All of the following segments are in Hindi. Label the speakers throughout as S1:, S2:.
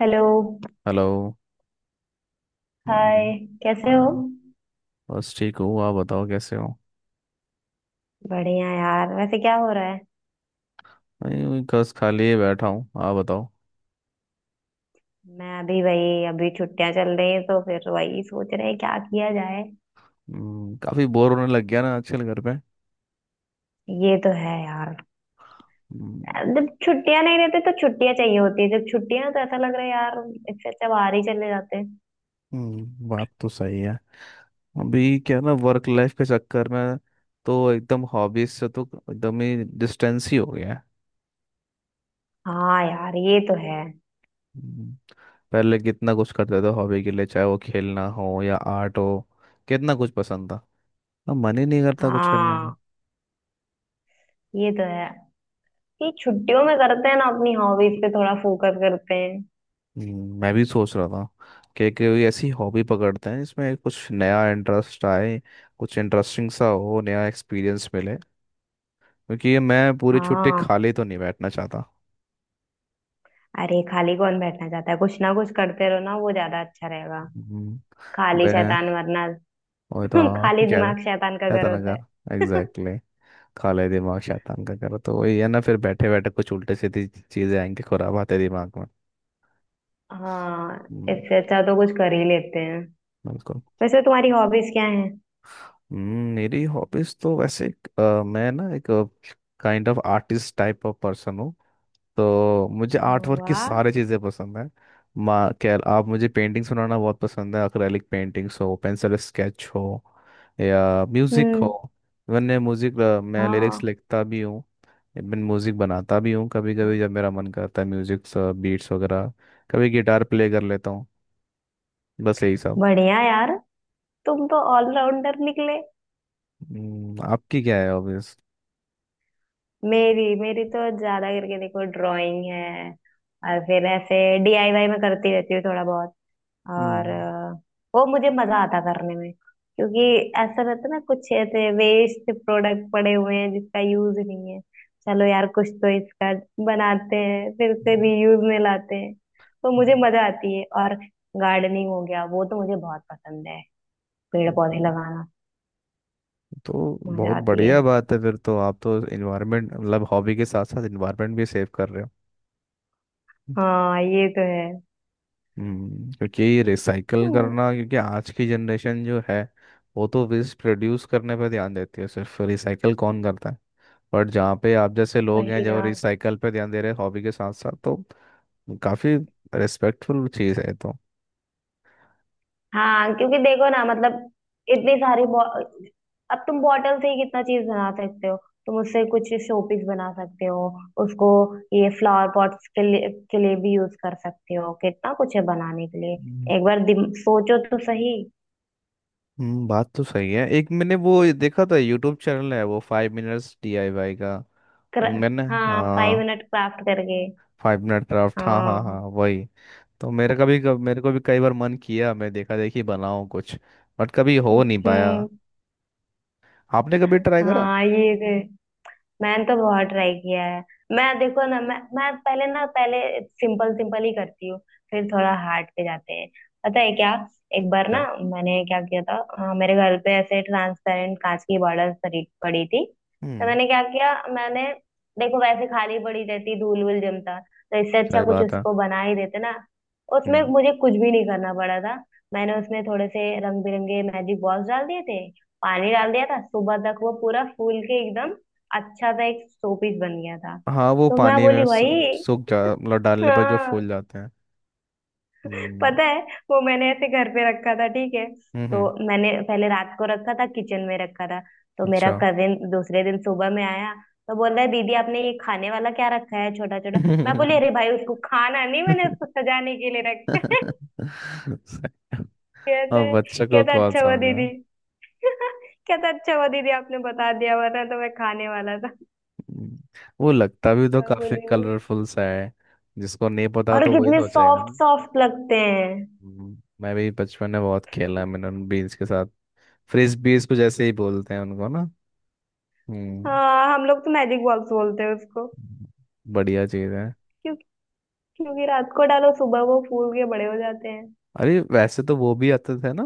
S1: हेलो।
S2: हेलो। हाँ जी।
S1: हाय, कैसे हो?
S2: हाँ, बस ठीक हूँ। आप बताओ कैसे हो?
S1: बढ़िया यार। वैसे क्या हो रहा है?
S2: नहीं वही बस खाली ही बैठा हूँ। आप बताओ।
S1: मैं अभी वही, अभी छुट्टियां चल रही हैं तो फिर वही सोच रहे हैं क्या किया जाए।
S2: काफी बोर होने लग गया ना आजकल घर पे।
S1: ये तो है यार।
S2: हम्म।
S1: जब छुट्टियां नहीं रहती तो छुट्टियां चाहिए होती है, जब छुट्टियां हैं तो ऐसा लग रहा है यार, इससे अच्छा बाहर ही चले जाते हैं।
S2: बात तो सही है। अभी क्या है ना, वर्क लाइफ के चक्कर में तो एकदम हॉबीज से तो एकदम ही डिस्टेंस ही हो गया है।
S1: हाँ यार, ये तो है।
S2: हम्म, पहले कितना कुछ करते थे हॉबी के लिए, चाहे वो खेलना हो या आर्ट हो। कितना कुछ पसंद था। अब मन ही नहीं करता कुछ करने का।
S1: हाँ, ये तो है। ये छुट्टियों में करते हैं ना अपनी हॉबीज पे थोड़ा फोकस करते हैं।
S2: मैं भी सोच रहा था कि कोई ऐसी हॉबी पकड़ते हैं जिसमें कुछ नया इंटरेस्ट आए। कुछ इंटरेस्टिंग सा हो, नया एक्सपीरियंस मिले। क्योंकि ये मैं पूरी छुट्टी
S1: हाँ,
S2: खाली तो नहीं बैठना चाहता।
S1: अरे खाली कौन बैठना चाहता है, कुछ ना कुछ करते रहो ना, वो ज्यादा अच्छा रहेगा।
S2: हम्म,
S1: खाली
S2: मैं
S1: शैतान वरना।
S2: वही तो। हाँ,
S1: खाली
S2: क्या
S1: दिमाग शैतान का घर
S2: शैतान
S1: होता
S2: का,
S1: है।
S2: एग्जैक्टली। खाली दिमाग शैतान का करो तो वही है ना, फिर बैठे बैठे कुछ उल्टे सीधी चीजें आएंगी, खुराब आते दिमाग में।
S1: हाँ,
S2: हम्म।
S1: इससे अच्छा तो कुछ कर ही लेते हैं।
S2: बिल्कुल।
S1: वैसे तुम्हारी हॉबीज क्या हैं?
S2: मेरी हॉबीज तो वैसे मैं ना एक kind of artist type of person हूँ। तो मुझे आर्ट वर्क की
S1: वाह।
S2: सारी चीज़ें पसंद है। माँ खैर आप, मुझे पेंटिंग्स बनाना बहुत पसंद है। अक्रैलिक पेंटिंग्स हो, पेंसिल स्केच हो, या म्यूज़िक हो।
S1: हम्म।
S2: मैंने म्यूज़िक मैं लिरिक्स
S1: हाँ।
S2: लिखता भी हूँ। इवन म्यूज़िक बनाता भी हूँ कभी कभी जब मेरा मन करता है, म्यूज़िक बीट्स वगैरह। कभी गिटार प्ले कर लेता हूँ, बस यही सब।
S1: बढ़िया यार, तुम तो ऑलराउंडर निकले।
S2: आपकी क्या है हॉबीज?
S1: मेरी मेरी तो ज्यादा करके देखो ड्राइंग है, और फिर ऐसे डीआईवाई में करती रहती हूँ थोड़ा बहुत। और
S2: हम्म,
S1: वो मुझे मजा आता करने में, क्योंकि ऐसा रहता है ना कुछ ऐसे वेस्ट प्रोडक्ट पड़े हुए हैं जिसका यूज नहीं है। चलो यार कुछ तो इसका बनाते हैं, फिर उसे रीयूज में लाते हैं। तो मुझे मजा आती है। और गार्डनिंग हो गया, वो तो मुझे बहुत पसंद है, पेड़ पौधे
S2: तो
S1: लगाना।
S2: तो
S1: मजा
S2: बहुत
S1: आती है।
S2: बढ़िया बात है, फिर तो आप तो इन्वायरमेंट, मतलब हॉबी के साथ साथ इन्वायरमेंट भी सेव कर रहे हो।
S1: हाँ ये तो है।
S2: क्योंकि रिसाइकल
S1: हम्म,
S2: करना, क्योंकि आज की जनरेशन जो है वो तो वेस्ट प्रोड्यूस करने पे ध्यान देती है, सिर्फ रिसाइकल कौन करता है? बट जहाँ पे आप जैसे लोग हैं
S1: वही ना।
S2: जो रिसाइकल पे ध्यान दे रहे हैं हॉबी के साथ साथ, तो काफी रिस्पेक्टफुल चीज़ है ये तो।
S1: हाँ, क्योंकि देखो ना मतलब इतनी सारी अब तुम बॉटल से ही कितना चीज बना सकते हो। तुम उससे कुछ शोपीस बना सकते हो उसको, ये फ्लावर पॉट्स के लिए भी यूज कर सकते हो। कितना कुछ है बनाने के लिए।
S2: हम्म।
S1: एक बार सोचो तो सही।
S2: बात तो सही है, एक मैंने वो देखा था, यूट्यूब चैनल है वो 5 मिनट्स डीआईवाई का।
S1: कर,
S2: मैंने
S1: हाँ, फाइव
S2: हाँ।
S1: मिनट क्राफ्ट करके।
S2: 5 मिनट क्राफ्ट, हाँ हाँ
S1: हाँ।
S2: हाँ, वही। तो मेरे को भी कई बार मन किया, मैं देखा देखी बनाऊं कुछ, बट कभी हो
S1: हम्म।
S2: नहीं पाया।
S1: हम्म,
S2: आपने कभी ट्राई करा
S1: हाँ ये है। मैंने तो बहुत ट्राई किया है। मैं देखो ना, मैं पहले ना, पहले सिंपल सिंपल ही करती हूँ, फिर थोड़ा हार्ड पे जाते हैं। पता है क्या, एक बार ना,
S2: क्या?
S1: मैंने क्या किया था? मेरे घर पे ऐसे ट्रांसपेरेंट कांच की बॉर्डर पड़ी पड़ी थी। तो
S2: हम्म
S1: मैंने क्या किया, मैंने, देखो वैसे खाली पड़ी रहती, धूल वूल जमता, तो इससे अच्छा
S2: सही
S1: कुछ
S2: बात है।
S1: उसको बना ही देते ना। उसमें
S2: हम्म,
S1: मुझे कुछ भी नहीं करना पड़ा था। मैंने उसमें थोड़े से रंग बिरंगे मैजिक बॉल्स डाल दिए थे, पानी डाल दिया था, सुबह तक वो पूरा फूल के एकदम अच्छा सा एक शो पीस बन गया था।
S2: हाँ, वो
S1: तो मैं
S2: पानी में
S1: बोली भाई,
S2: सूख जा, मतलब डालने पर जो
S1: हाँ
S2: फूल जाते हैं। हम्म,
S1: पता है, वो मैंने ऐसे घर पे रखा था ठीक है?
S2: हम्म,
S1: तो मैंने पहले रात को रखा था, किचन में रखा था, तो मेरा
S2: अच्छा।
S1: कजिन दूसरे दिन सुबह में आया, तो बोल रहा है दीदी आपने ये खाने वाला क्या रखा है छोटा छोटा। मैं बोली अरे भाई उसको खाना नहीं, मैंने उसको सजाने के लिए रखा है।
S2: सही। अब
S1: कहते,
S2: बच्चों को
S1: कहता
S2: कौन
S1: अच्छा हुआ
S2: समझा।
S1: दीदी। कहता अच्छा हुआ दीदी आपने बता दिया, वरना तो मैं खाने वाला था।
S2: हम्म, वो लगता भी तो
S1: मैं
S2: काफी
S1: बोली,
S2: कलरफुल सा है। जिसको नहीं पता
S1: और
S2: तो वही
S1: कितने
S2: सोचेगा
S1: सॉफ्ट
S2: ना।
S1: सॉफ्ट लगते हैं।
S2: मैं भी बचपन में बहुत खेला मैंने बीन्स के साथ। फ्रिस्बीज कुछ ऐसे ही बोलते हैं उनको ना? हम्म
S1: हाँ, हम लोग तो मैजिक बॉक्स बोलते हैं उसको,
S2: बढ़िया चीज है।
S1: क्योंकि, क्योंकि रात को डालो सुबह वो फूल के बड़े हो जाते हैं।
S2: अरे वैसे तो वो भी आते थे ना,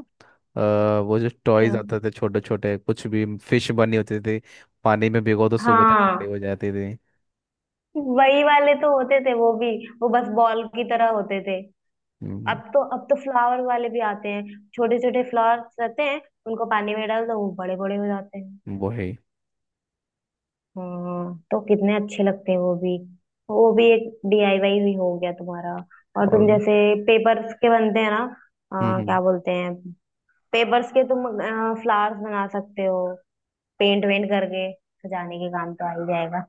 S2: वो जो टॉयज
S1: क्या?
S2: आते थे छोटे छोटे, कुछ भी फिश बनी होती थी, पानी में भिगो तो सुबह तक खड़ी
S1: हाँ
S2: हो जाती थी।
S1: वही वाले तो होते थे वो भी, वो बस बॉल की तरह होते थे।
S2: हम्म,
S1: अब तो, अब तो फ्लावर वाले भी आते हैं, छोटे छोटे फ्लावर्स रहते हैं, उनको पानी में डाल दो वो बड़े बड़े हो जाते हैं।
S2: वो है।
S1: हाँ, तो कितने अच्छे लगते हैं वो भी। वो भी एक डीआईवाई भी हो गया तुम्हारा। और तुम
S2: और
S1: जैसे पेपर्स के बनते हैं ना,
S2: हम्म,
S1: क्या बोलते हैं, पेपर्स के तुम फ्लावर्स बना सकते हो, पेंट वेंट करके सजाने के काम तो आ ही जाएगा।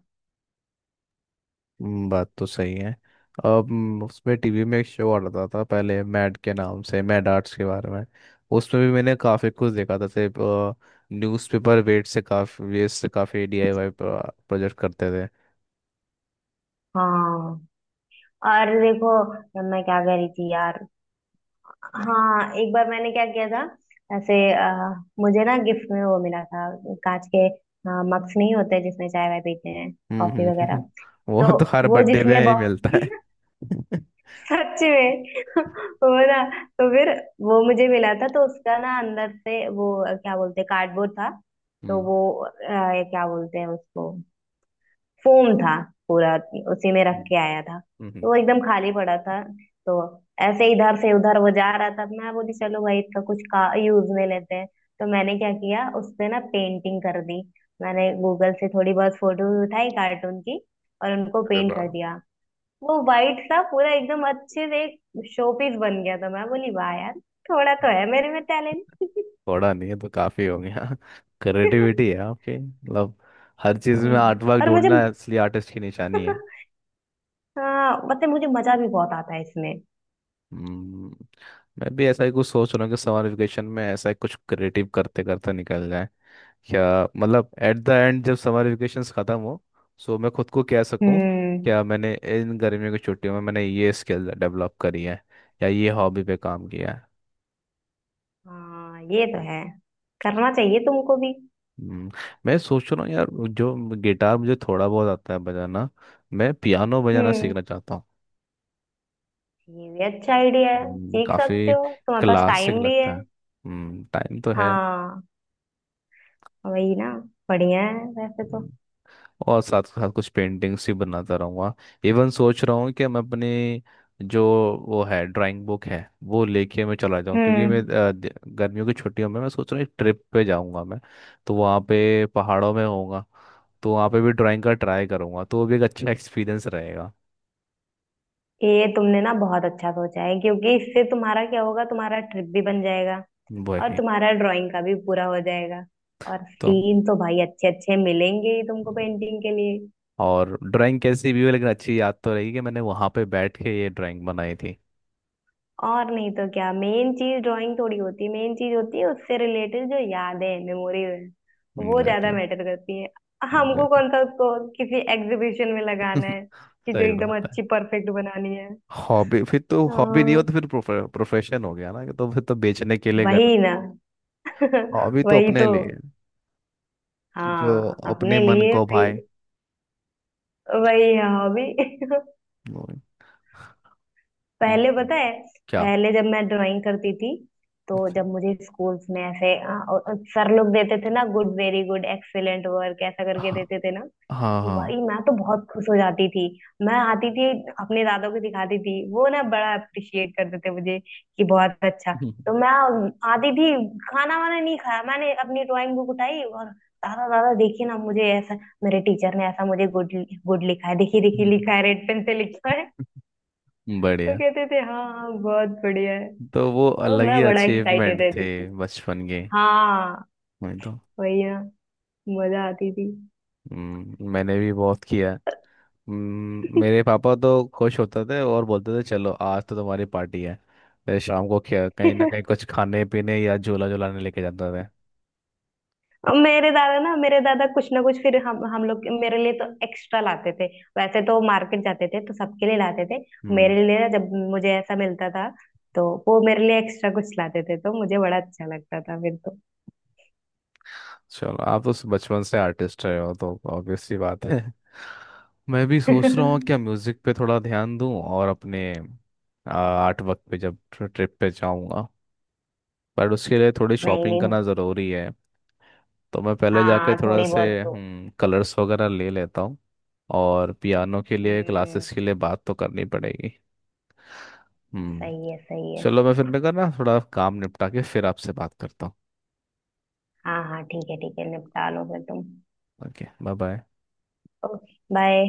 S2: बात तो सही है। अब उसमें टीवी में एक शो आ रहा था पहले मैड के नाम से, मैड आर्ट्स के बारे में। उसमें भी मैंने काफ़ी कुछ देखा था, जैसे न्यूज़पेपर वेट से काफ़ी वेस्ट से काफ़ी डीआईवाई प्रोजेक्ट करते थे।
S1: हाँ, और देखो मैं क्या कह रही थी यार, हाँ, एक बार मैंने क्या किया था, ऐसे मुझे ना गिफ्ट में वो मिला था, कांच के मग्स नहीं होते जिसमें चाय वाय पीते हैं,
S2: हम्म,
S1: कॉफी वगैरह। तो
S2: वो तो हर
S1: वो
S2: बर्थडे
S1: जिसमें
S2: में ही मिलता है।
S1: बॉक्स सच में। वो ना, तो फिर वो मुझे मिला था तो उसका ना अंदर से वो क्या बोलते हैं कार्डबोर्ड था। तो
S2: हम्म,
S1: वो ये क्या बोलते हैं उसको, फोम था पूरा, उसी में रख
S2: हम्म,
S1: के आया था तो
S2: हम्म,
S1: वो एकदम खाली पड़ा था। तो ऐसे इधर से उधर वो जा रहा था, मैं बोली चलो भाई इसका कुछ का यूज में लेते हैं। तो मैंने क्या किया, उस पे ना पेंटिंग कर दी। मैंने गूगल से थोड़ी बहुत फोटो उठाई कार्टून की, और उनको
S2: अरे
S1: पेंट कर
S2: वाह।
S1: दिया। वो वाइट सा पूरा एकदम अच्छे से एक शोपीस बन गया था। मैं बोली वाह यार, थोड़ा तो है मेरे में टैलेंट।
S2: थोड़ा नहीं है तो काफ़ी हो गया। क्रिएटिविटी है आपकी, मतलब। हर चीज़ में आर्ट वर्क
S1: और मुझे
S2: ढूंढना असली आर्टिस्ट की निशानी है।
S1: हाँ मतलब मुझे मजा भी बहुत आता है इसमें।
S2: हम्म, मैं भी ऐसा ही कुछ सोच रहा हूँ कि समर वेकेशन में ऐसा ही कुछ क्रिएटिव करते करते निकल जाए। क्या मतलब, एट द एंड जब समर वेकेशन खत्म हो, सो मैं खुद को कह सकूँ,
S1: हम्म।
S2: क्या मैंने इन गर्मियों की छुट्टियों में मैंने ये स्किल डेवलप करी है या ये हॉबी पे काम किया है।
S1: हाँ ये तो है, करना चाहिए तुमको भी।
S2: हम्म, मैं सोच रहा हूँ यार, जो गिटार मुझे थोड़ा बहुत आता है बजाना, मैं पियानो बजाना
S1: हम्म,
S2: सीखना चाहता हूँ।
S1: ये भी अच्छा आइडिया है, सीख सकते
S2: काफी
S1: हो, तुम्हारे पास
S2: क्लासिक
S1: टाइम भी
S2: लगता
S1: है।
S2: है। टाइम तो है।
S1: हाँ, वही ना, बढ़िया है वैसे तो।
S2: हम्म। और साथ साथ कुछ पेंटिंग्स भी बनाता रहूँगा। इवन सोच रहा हूँ कि मैं अपने जो वो है ड्राइंग बुक है, वो लेके मैं चला जाऊँ, क्योंकि मैं
S1: हम्म,
S2: गर्मियों की छुट्टियों में मैं सोच रहा हूँ ट्रिप पे जाऊँगा मैं। तो वहाँ पे पहाड़ों में होऊंगा, तो वहाँ पे भी ड्राइंग का ट्राई करूँगा, तो वो भी एक अच्छा एक्सपीरियंस रहेगा।
S1: ये तुमने ना बहुत अच्छा सोचा है, क्योंकि इससे तुम्हारा क्या होगा, तुम्हारा ट्रिप भी बन जाएगा और
S2: वही
S1: तुम्हारा ड्राइंग का भी पूरा हो जाएगा। और
S2: तो।
S1: सीन तो भाई अच्छे अच्छे मिलेंगे ही तुमको पेंटिंग के लिए।
S2: और ड्राइंग कैसी भी हो लेकिन अच्छी याद तो रहेगी कि मैंने वहाँ पे बैठ के ये ड्राइंग बनाई थी।
S1: और नहीं तो क्या, मेन चीज ड्राइंग थोड़ी होती है, मेन चीज होती है उससे रिलेटेड जो यादें मेमोरीज है, वो ज्यादा
S2: एग्जैक्टली।
S1: मैटर करती है। हमको
S2: एग्जैक्टली।
S1: कौन सा उसको किसी एग्जीबिशन में लगाना है कि जो
S2: सही
S1: एकदम
S2: बात है।
S1: अच्छी परफेक्ट बनानी है।
S2: हॉबी, फिर तो हॉबी नहीं हो
S1: हाँ,
S2: तो फिर प्रोफेशन हो गया ना, तो फिर तो बेचने के लिए कर।
S1: वही ना।
S2: हॉबी तो
S1: वही
S2: अपने
S1: तो।
S2: लिए है, जो
S1: हाँ,
S2: अपने
S1: अपने
S2: मन
S1: लिए
S2: को
S1: वही,
S2: भाए
S1: वही है हॉबी।
S2: है।
S1: पहले
S2: हम्म,
S1: पता है,
S2: क्या?
S1: पहले जब मैं ड्राइंग करती थी, तो जब मुझे स्कूल्स में ऐसे सर लोग देते थे ना, good, very good, excellent work ऐसा करके
S2: हाँ
S1: देते थे ना,
S2: हाँ
S1: तो भाई
S2: हाँ।
S1: मैं तो बहुत खुश हो जाती थी। मैं आती थी, अपने दादा को दिखाती थी, वो ना बड़ा अप्रिशिएट करते थे मुझे, कि बहुत अच्छा। तो मैं आती थी, खाना वाना नहीं खाया, मैंने अपनी ड्राइंग बुक उठाई और दादा दादा देखिए ना मुझे ऐसा, मेरे टीचर ने ऐसा मुझे गुड, गुड लिखा है, देखिए देखिए
S2: हम्म।
S1: लिखा है, रेड पेन से लिखा। तो
S2: बढ़िया।
S1: कहते थे हाँ हाँ बहुत बढ़िया है।
S2: तो वो
S1: तो
S2: अलग ही
S1: मैं बड़ा एक्साइटेड
S2: अचीवमेंट थे
S1: रहती थी।
S2: बचपन के।
S1: हाँ,
S2: मैं तो
S1: वही ना, मजा आती थी।
S2: मैंने भी बहुत किया है। मेरे पापा तो खुश होते थे और बोलते थे चलो आज तो तुम्हारी पार्टी है। फिर शाम को क्या कहीं ना कहीं कुछ खाने पीने या झूला झुलाने लेके जाते थे।
S1: और मेरे दादा ना, मेरे दादा कुछ ना कुछ, फिर हम लोग, मेरे लिए तो एक्स्ट्रा लाते थे। वैसे तो मार्केट जाते थे तो सबके लिए लाते थे,
S2: हम्म।
S1: मेरे लिए ना जब मुझे ऐसा मिलता था तो वो मेरे लिए एक्स्ट्रा कुछ लाते थे, तो मुझे बड़ा अच्छा लगता था फिर तो।
S2: चलो आप तो बचपन से आर्टिस्ट रहे हो तो ऑब्वियस सी बात है। मैं भी सोच रहा हूँ क्या म्यूजिक पे थोड़ा ध्यान दूं और अपने आर्ट वर्क पे जब ट्रिप पे जाऊंगा। पर उसके लिए थोड़ी
S1: नहीं
S2: शॉपिंग
S1: नहीं,
S2: करना ज़रूरी है, तो मैं पहले जाके
S1: हाँ
S2: थोड़ा
S1: थोड़ी
S2: से
S1: बहुत तो।
S2: कलर्स वगैरह ले लेता हूँ। और पियानो के लिए
S1: हम्म,
S2: क्लासेस के लिए बात तो करनी पड़ेगी। हम्म।
S1: सही है सही है।
S2: चलो मैं करना थोड़ा काम निपटा के फिर आपसे बात करता हूँ।
S1: हाँ हाँ ठीक है ठीक है, निपटा लो फिर तुम।
S2: Okay, bye bye.
S1: Okay bye.